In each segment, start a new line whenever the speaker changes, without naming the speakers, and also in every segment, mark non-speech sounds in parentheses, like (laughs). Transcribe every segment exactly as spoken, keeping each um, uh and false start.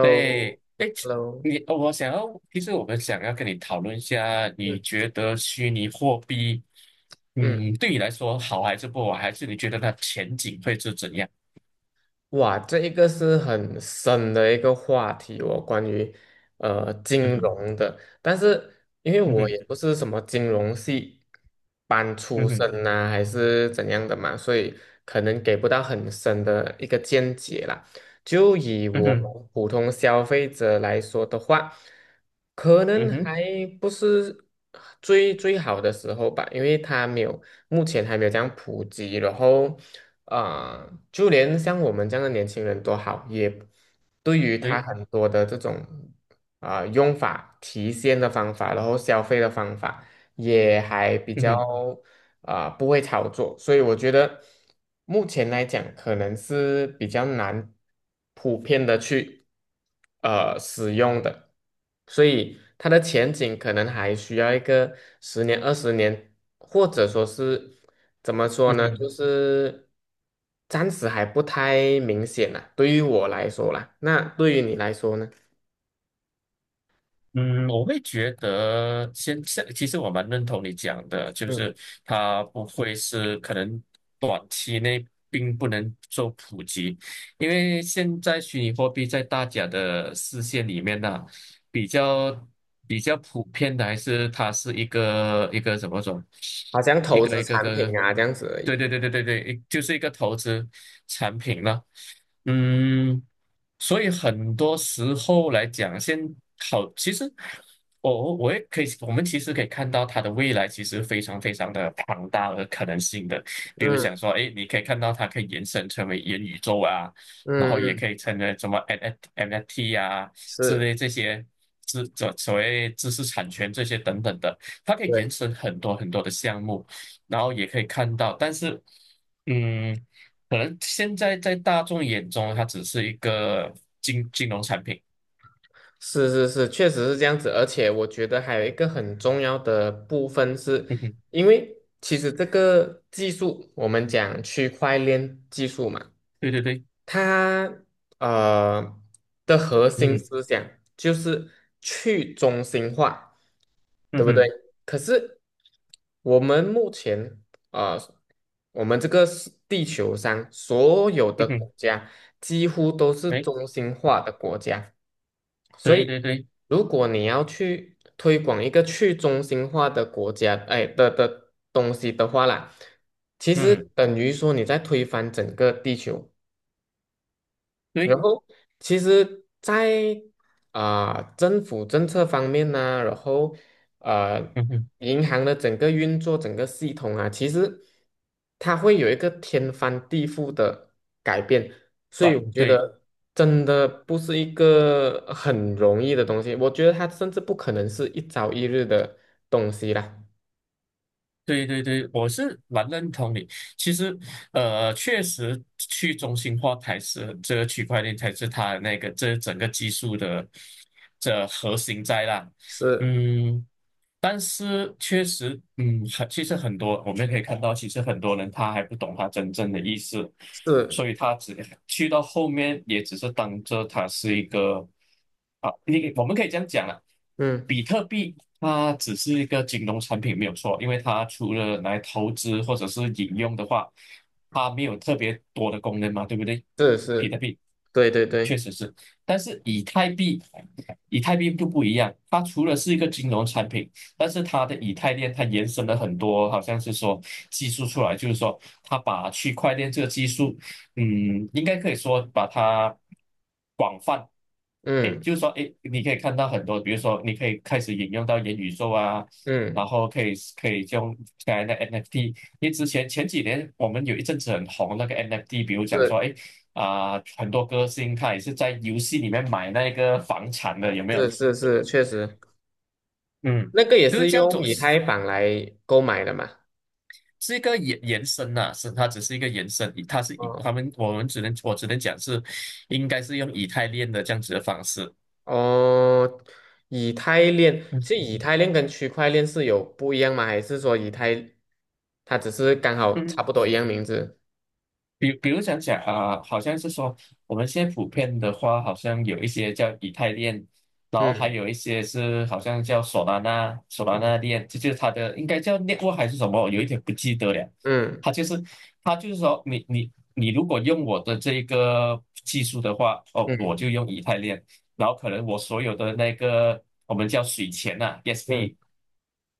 对，哎，你哦我想要，其实我们想要跟你讨论一下，你
嗯
觉得虚拟货币，
嗯。
嗯，对你来说好还是不好，还是你觉得它前景会是怎样？
哇，这一个是很深的一个话题哦，关于呃
嗯
金
哼。
融的。但是因为
嗯
我
哼。
也不是什么金融系班出
嗯哼。
身呐、还是怎样的嘛，所以可能给不到很深的一个见解啦。就以
嗯
我
哼。
们普通消费者来说的话，可
嗯
能
哼。
还不是最最好的时候吧，因为它没有目前还没有这样普及，然后。啊、就连像我们这样的年轻人都好，也对于他
对。
很多的这种啊、呃用法、提现的方法，然后消费的方法，也还比
嗯
较
哼。
啊、呃不会操作，所以我觉得目前来讲，可能是比较难普遍的去呃使用的，所以它的前景可能还需要一个十年、二十年，或者说是。怎么说
嗯
呢？就
哼。
是暂时还不太明显啦，对于我来说啦，那对于你来说呢？
嗯，我会觉得现在其实我蛮认同你讲的，就
嗯，
是它不会是可能短期内并不能做普及，因为现在虚拟货币在大家的视线里面呢，比较比较普遍的还是它是一个一个怎么说，
好像
一
投
个
资
一个
产
个，
品啊这样子而
对
已。
对对对对对，就是一个投资产品了。嗯，所以很多时候来讲，先好，其实我我我也可以，我们其实可以看到它的未来其实非常非常的庞大和可能性的。比如想
嗯
说，哎，你可以看到它可以延伸成为元宇宙啊，
嗯
然后也
嗯，
可以成为什么 N F T 啊之
是，
类这些知这所谓知识产权这些等等的，它可以
对，
延伸很多很多的项目，然后也可以看到，但是。嗯，可能现在在大众眼中，它只是一个金金融产品。
是是是，确实是这样子。而且我觉得还有一个很重要的部分是，
嗯哼。
因为其实这个技术，我们讲区块链技术嘛。
对对对。
它呃的核
嗯
心
哼。
思想就是去中心化，对
嗯
不对？
哼。
可是我们目前啊、呃，我们这个是地球上所有的
嗯哼。
国家几乎都是
对
中心化的国家，所
对
以
对对。
如果你要去推广一个去中心化的国家，哎的的东西的话啦，其实
嗯。
等于说你在推翻整个地球。
对。
然后其实在，啊政府政策方面呢、然后呃
嗯哼。
银行的整个运作、整个系统啊，其实它会有一个天翻地覆的改变，所以
短
我觉
对
得真的不是一个很容易的东西，我觉得它甚至不可能是一朝一日的东西啦。
对对对，我是蛮认同你。其实，呃，确实去中心化才是这个区块链才是它的那个这整个技术的这核心在啦。
是
嗯，但是确实，嗯，很其实很多我们可以看到，其实很多人他还不懂他真正的意思，
是，
所以他只去到后面也只是当着它是一个啊，你我们可以这样讲了，
嗯，
比特币它只是一个金融产品没有错，因为它除了来投资或者是引用的话，它没有特别多的功能嘛，对不对？
是
比特
是，
币
对对
确
对，
实是，但是以太币。以太币就不一样，它除了是一个金融产品，但是它的以太链它延伸了很多，好像是说技术出来，就是说它把区块链这个技术，嗯，应该可以说把它广，哎，
嗯
就是说，哎，你可以看到很多，比如说你可以开始引用到元宇宙啊，然
嗯，
后可以可以用刚才的 N F T，因为之前前几年我们有一阵子很红那个 N F T，比如讲
是
说，哎。啊、很多歌星他也是在游戏里面买那个房产的，有没有？
是是是，确实。
嗯，
那个也
就是
是
这样
用
走，
以
是
太坊来购买的嘛？
是一个延延伸呐、是它只是一个延伸，以它是以
哦
他们我们只能我只能讲是，应该是用以太链的这样子的方式。
哦，以太链，其
嗯
实以太链跟区块链是有不一样吗？还是说以太它只是刚好差不
嗯。
多一样名字？
比比如想想啊、好像是说我们现在普遍的话，好像有一些叫以太链，然后还
嗯
有一些是好像叫索拉纳、索拉纳链，这就是它的应该叫 network 还是什么，我有一点不记得了。
嗯
它就是它就是说你你你如果用我的这一个技术的话，哦，我
嗯
就用以太链，然后可能我所有的那个我们叫水钱呐、
嗯
E S B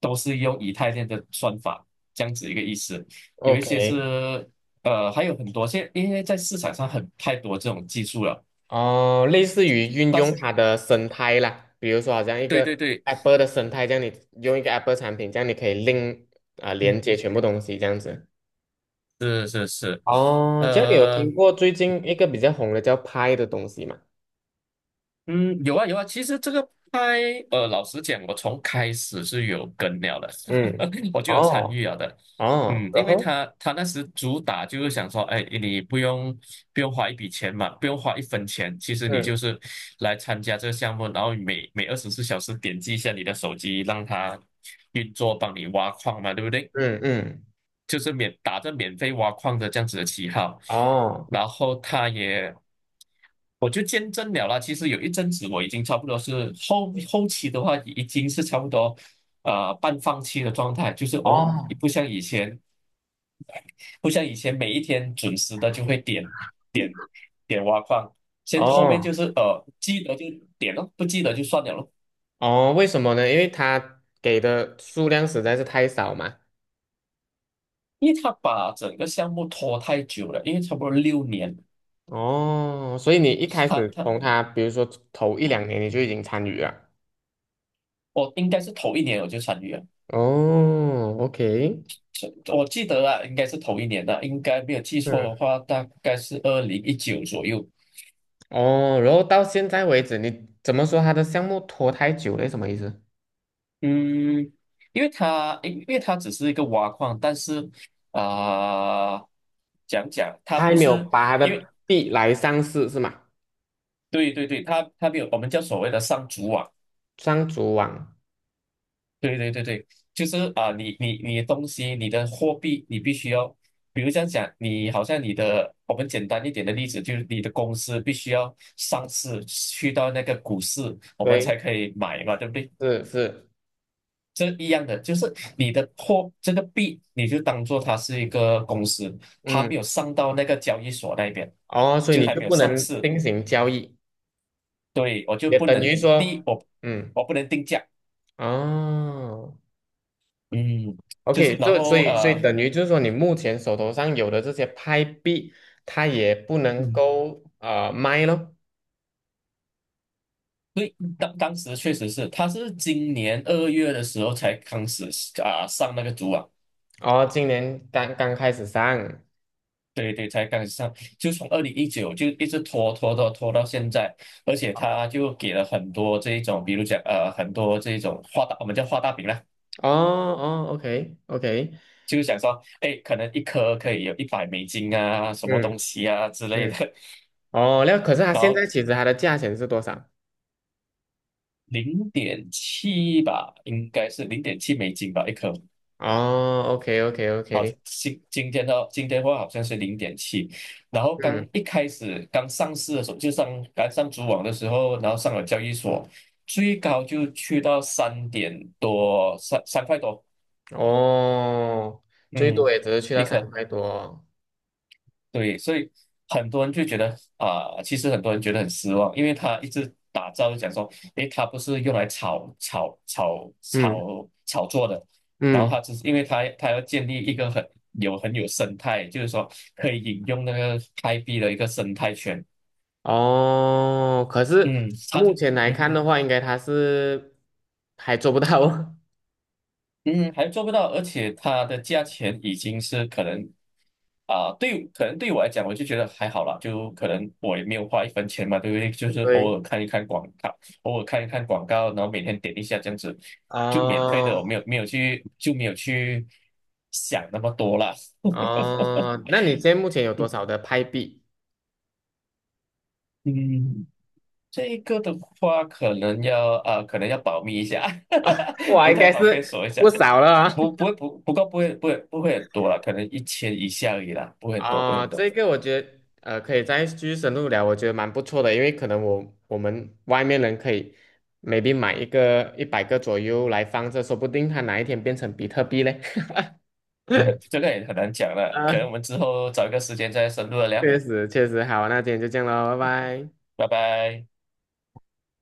都是用以太链的算法，这样子一个意思。有一些
，OK,
是呃，还有很多，现因为在市场上很太多这种技术了，
哦，类似于运
但
用
是
它的生态啦，比如说好像一
对对
个
对，
Apple 的生态，这样你用一个 Apple 产品，这样你可以 link 啊、连接全部东西这样子。
是是是，
哦，这样你有听
呃，
过最近一个比较红的叫 Pi 的东西吗？
嗯，有啊有啊，其实这个拍，呃，老实讲，我从开始是有跟了的，
嗯，
(laughs) 我就有参
哦
与了的，
哦，
嗯，
然
因为
后
他他那时主打就是想说，哎，你不用不用花一笔钱嘛，不用花一分钱，其实你
嗯
就是来参加这个项目，然后每每二十四小时点击一下你的手机，让它运作，帮你挖矿嘛，对不对？
嗯嗯，
就是免打着免费挖矿的这样子的旗号，
哦
然后他也，我就见证了啦。其实有一阵子我已经差不多是后后期的话，已经是差不多呃半放弃的状态，就是哦，
哦
不像以前，不像以前每一天准时的就会点点点挖矿，先后面
哦
就是呃记得就点咯，不记得就算了咯。
哦，为什么呢？因为它给的数量实在是太少嘛。
因为他把整个项目拖太久了，因为差不多六年，
哦，所以你一开
他
始
他
从它，比如说头一两年你就已经参与了。
我应该是头一年我就参与了。
哦，OK,
我记得啊，应该是同一年的，应该没有记错
嗯，
的话，大概是二零一九左右。
哦，然后到现在为止，你怎么说它的项目拖太久了？什么意思？
嗯，因为它因因为它只是一个挖矿，但是啊、讲讲它
他还
不
没有
是
把他
因为
的币来上市是吗？
对对对，它它没有我们叫所谓的上主网
上主网，
对对对对，就是啊，你你你的东西，你的货币，你必须要，比如这样讲，你好像你的，我们简单一点的例子，就是你的公司必须要上市，去到那个股市，我们
对，
才可以买嘛，对不对？
是是，
这一样的，就是你的货，这个币，你就当做它是一个公司，它没
嗯
有上到那个交易所那边，
哦，所以
就
你
还
就
没有
不
上
能
市，
进行交易，
对，我就
也
不
等
能
于
第
说，
一，我
嗯，
我不能定价，
哦
嗯，就是
，OK,
然
就所
后
以所以
呃。
等于就是说，你目前手头上有的这些拍币，它也不能
嗯。
够呃卖咯。
对，当当时确实是，他是今年二月的时候才开始啊上那个组网，
哦，今年刚刚开始上，
对对，才开始上，就从二零一九就一直拖拖拖拖到现在，而且他就给了很多这一种，比如讲呃很多这一种画大，我们叫画大饼啦，
哦哦，OK OK,
就是想说，哎，可能一颗可以有一百美金啊，什么东
嗯
西啊之类的，
嗯，哦，那可是它现在其实它的价钱是多少？
零点七吧，应该是零点七美金吧一颗，
哦，OK OK
好，
OK,
今今天的今天的话好像是零点七，然后刚
嗯，
一开始刚上市的时候，就上刚上主网的时候，然后上了交易所，最高就去到三点多，三三块多，
哦，最多
嗯，
也只是去到
一
三
颗。
块多哦，
对，所以很多人就觉得啊、其实很多人觉得很失望，因为他一直打造就讲说，诶，他不是用来炒炒炒
嗯
炒炒作的，然后
嗯。
他只是因为他他要建立一个很有很有生态，就是说可以引用那个开辟的一个生态圈，
哦，可
嗯，
是
他
目
就，
前来
嗯
看的话，应该他是还做不到。(laughs)
嗯，还做不到，而且它的价钱已经是可能啊、对，可能对我来讲，我就觉得还好啦，就可能我也没有花一分钱嘛，对不对？就是偶
对，
尔看一看广告，偶尔看一看广告，然后每天点一下这样子，就免费的，
哦
我没有没有去就没有去想那么多啦。
哦，
(laughs)
那你现在目前有多少的派币？
嗯，这个的话可能要啊、可能要保密一下，(laughs)
哇，
不
应
太
该
方便
是
说一
不
下。
少了啊。
不
(laughs)
不会不不过不会不会不会很多了，可能一千以下而已啦，不会很多不会很
哦，
多，
这个我觉得呃，可以再继续深入聊，我觉得蛮不错的，因为可能我我们外面人可以 maybe 买一个一百个左右来放着，说不定它哪一天变成比特币嘞。(laughs)
(laughs) 这个也很难讲了，可能
啊，
我们之后找一个时间再深入的聊，
确实确实，好，那今天就这样喽，拜拜。
拜拜。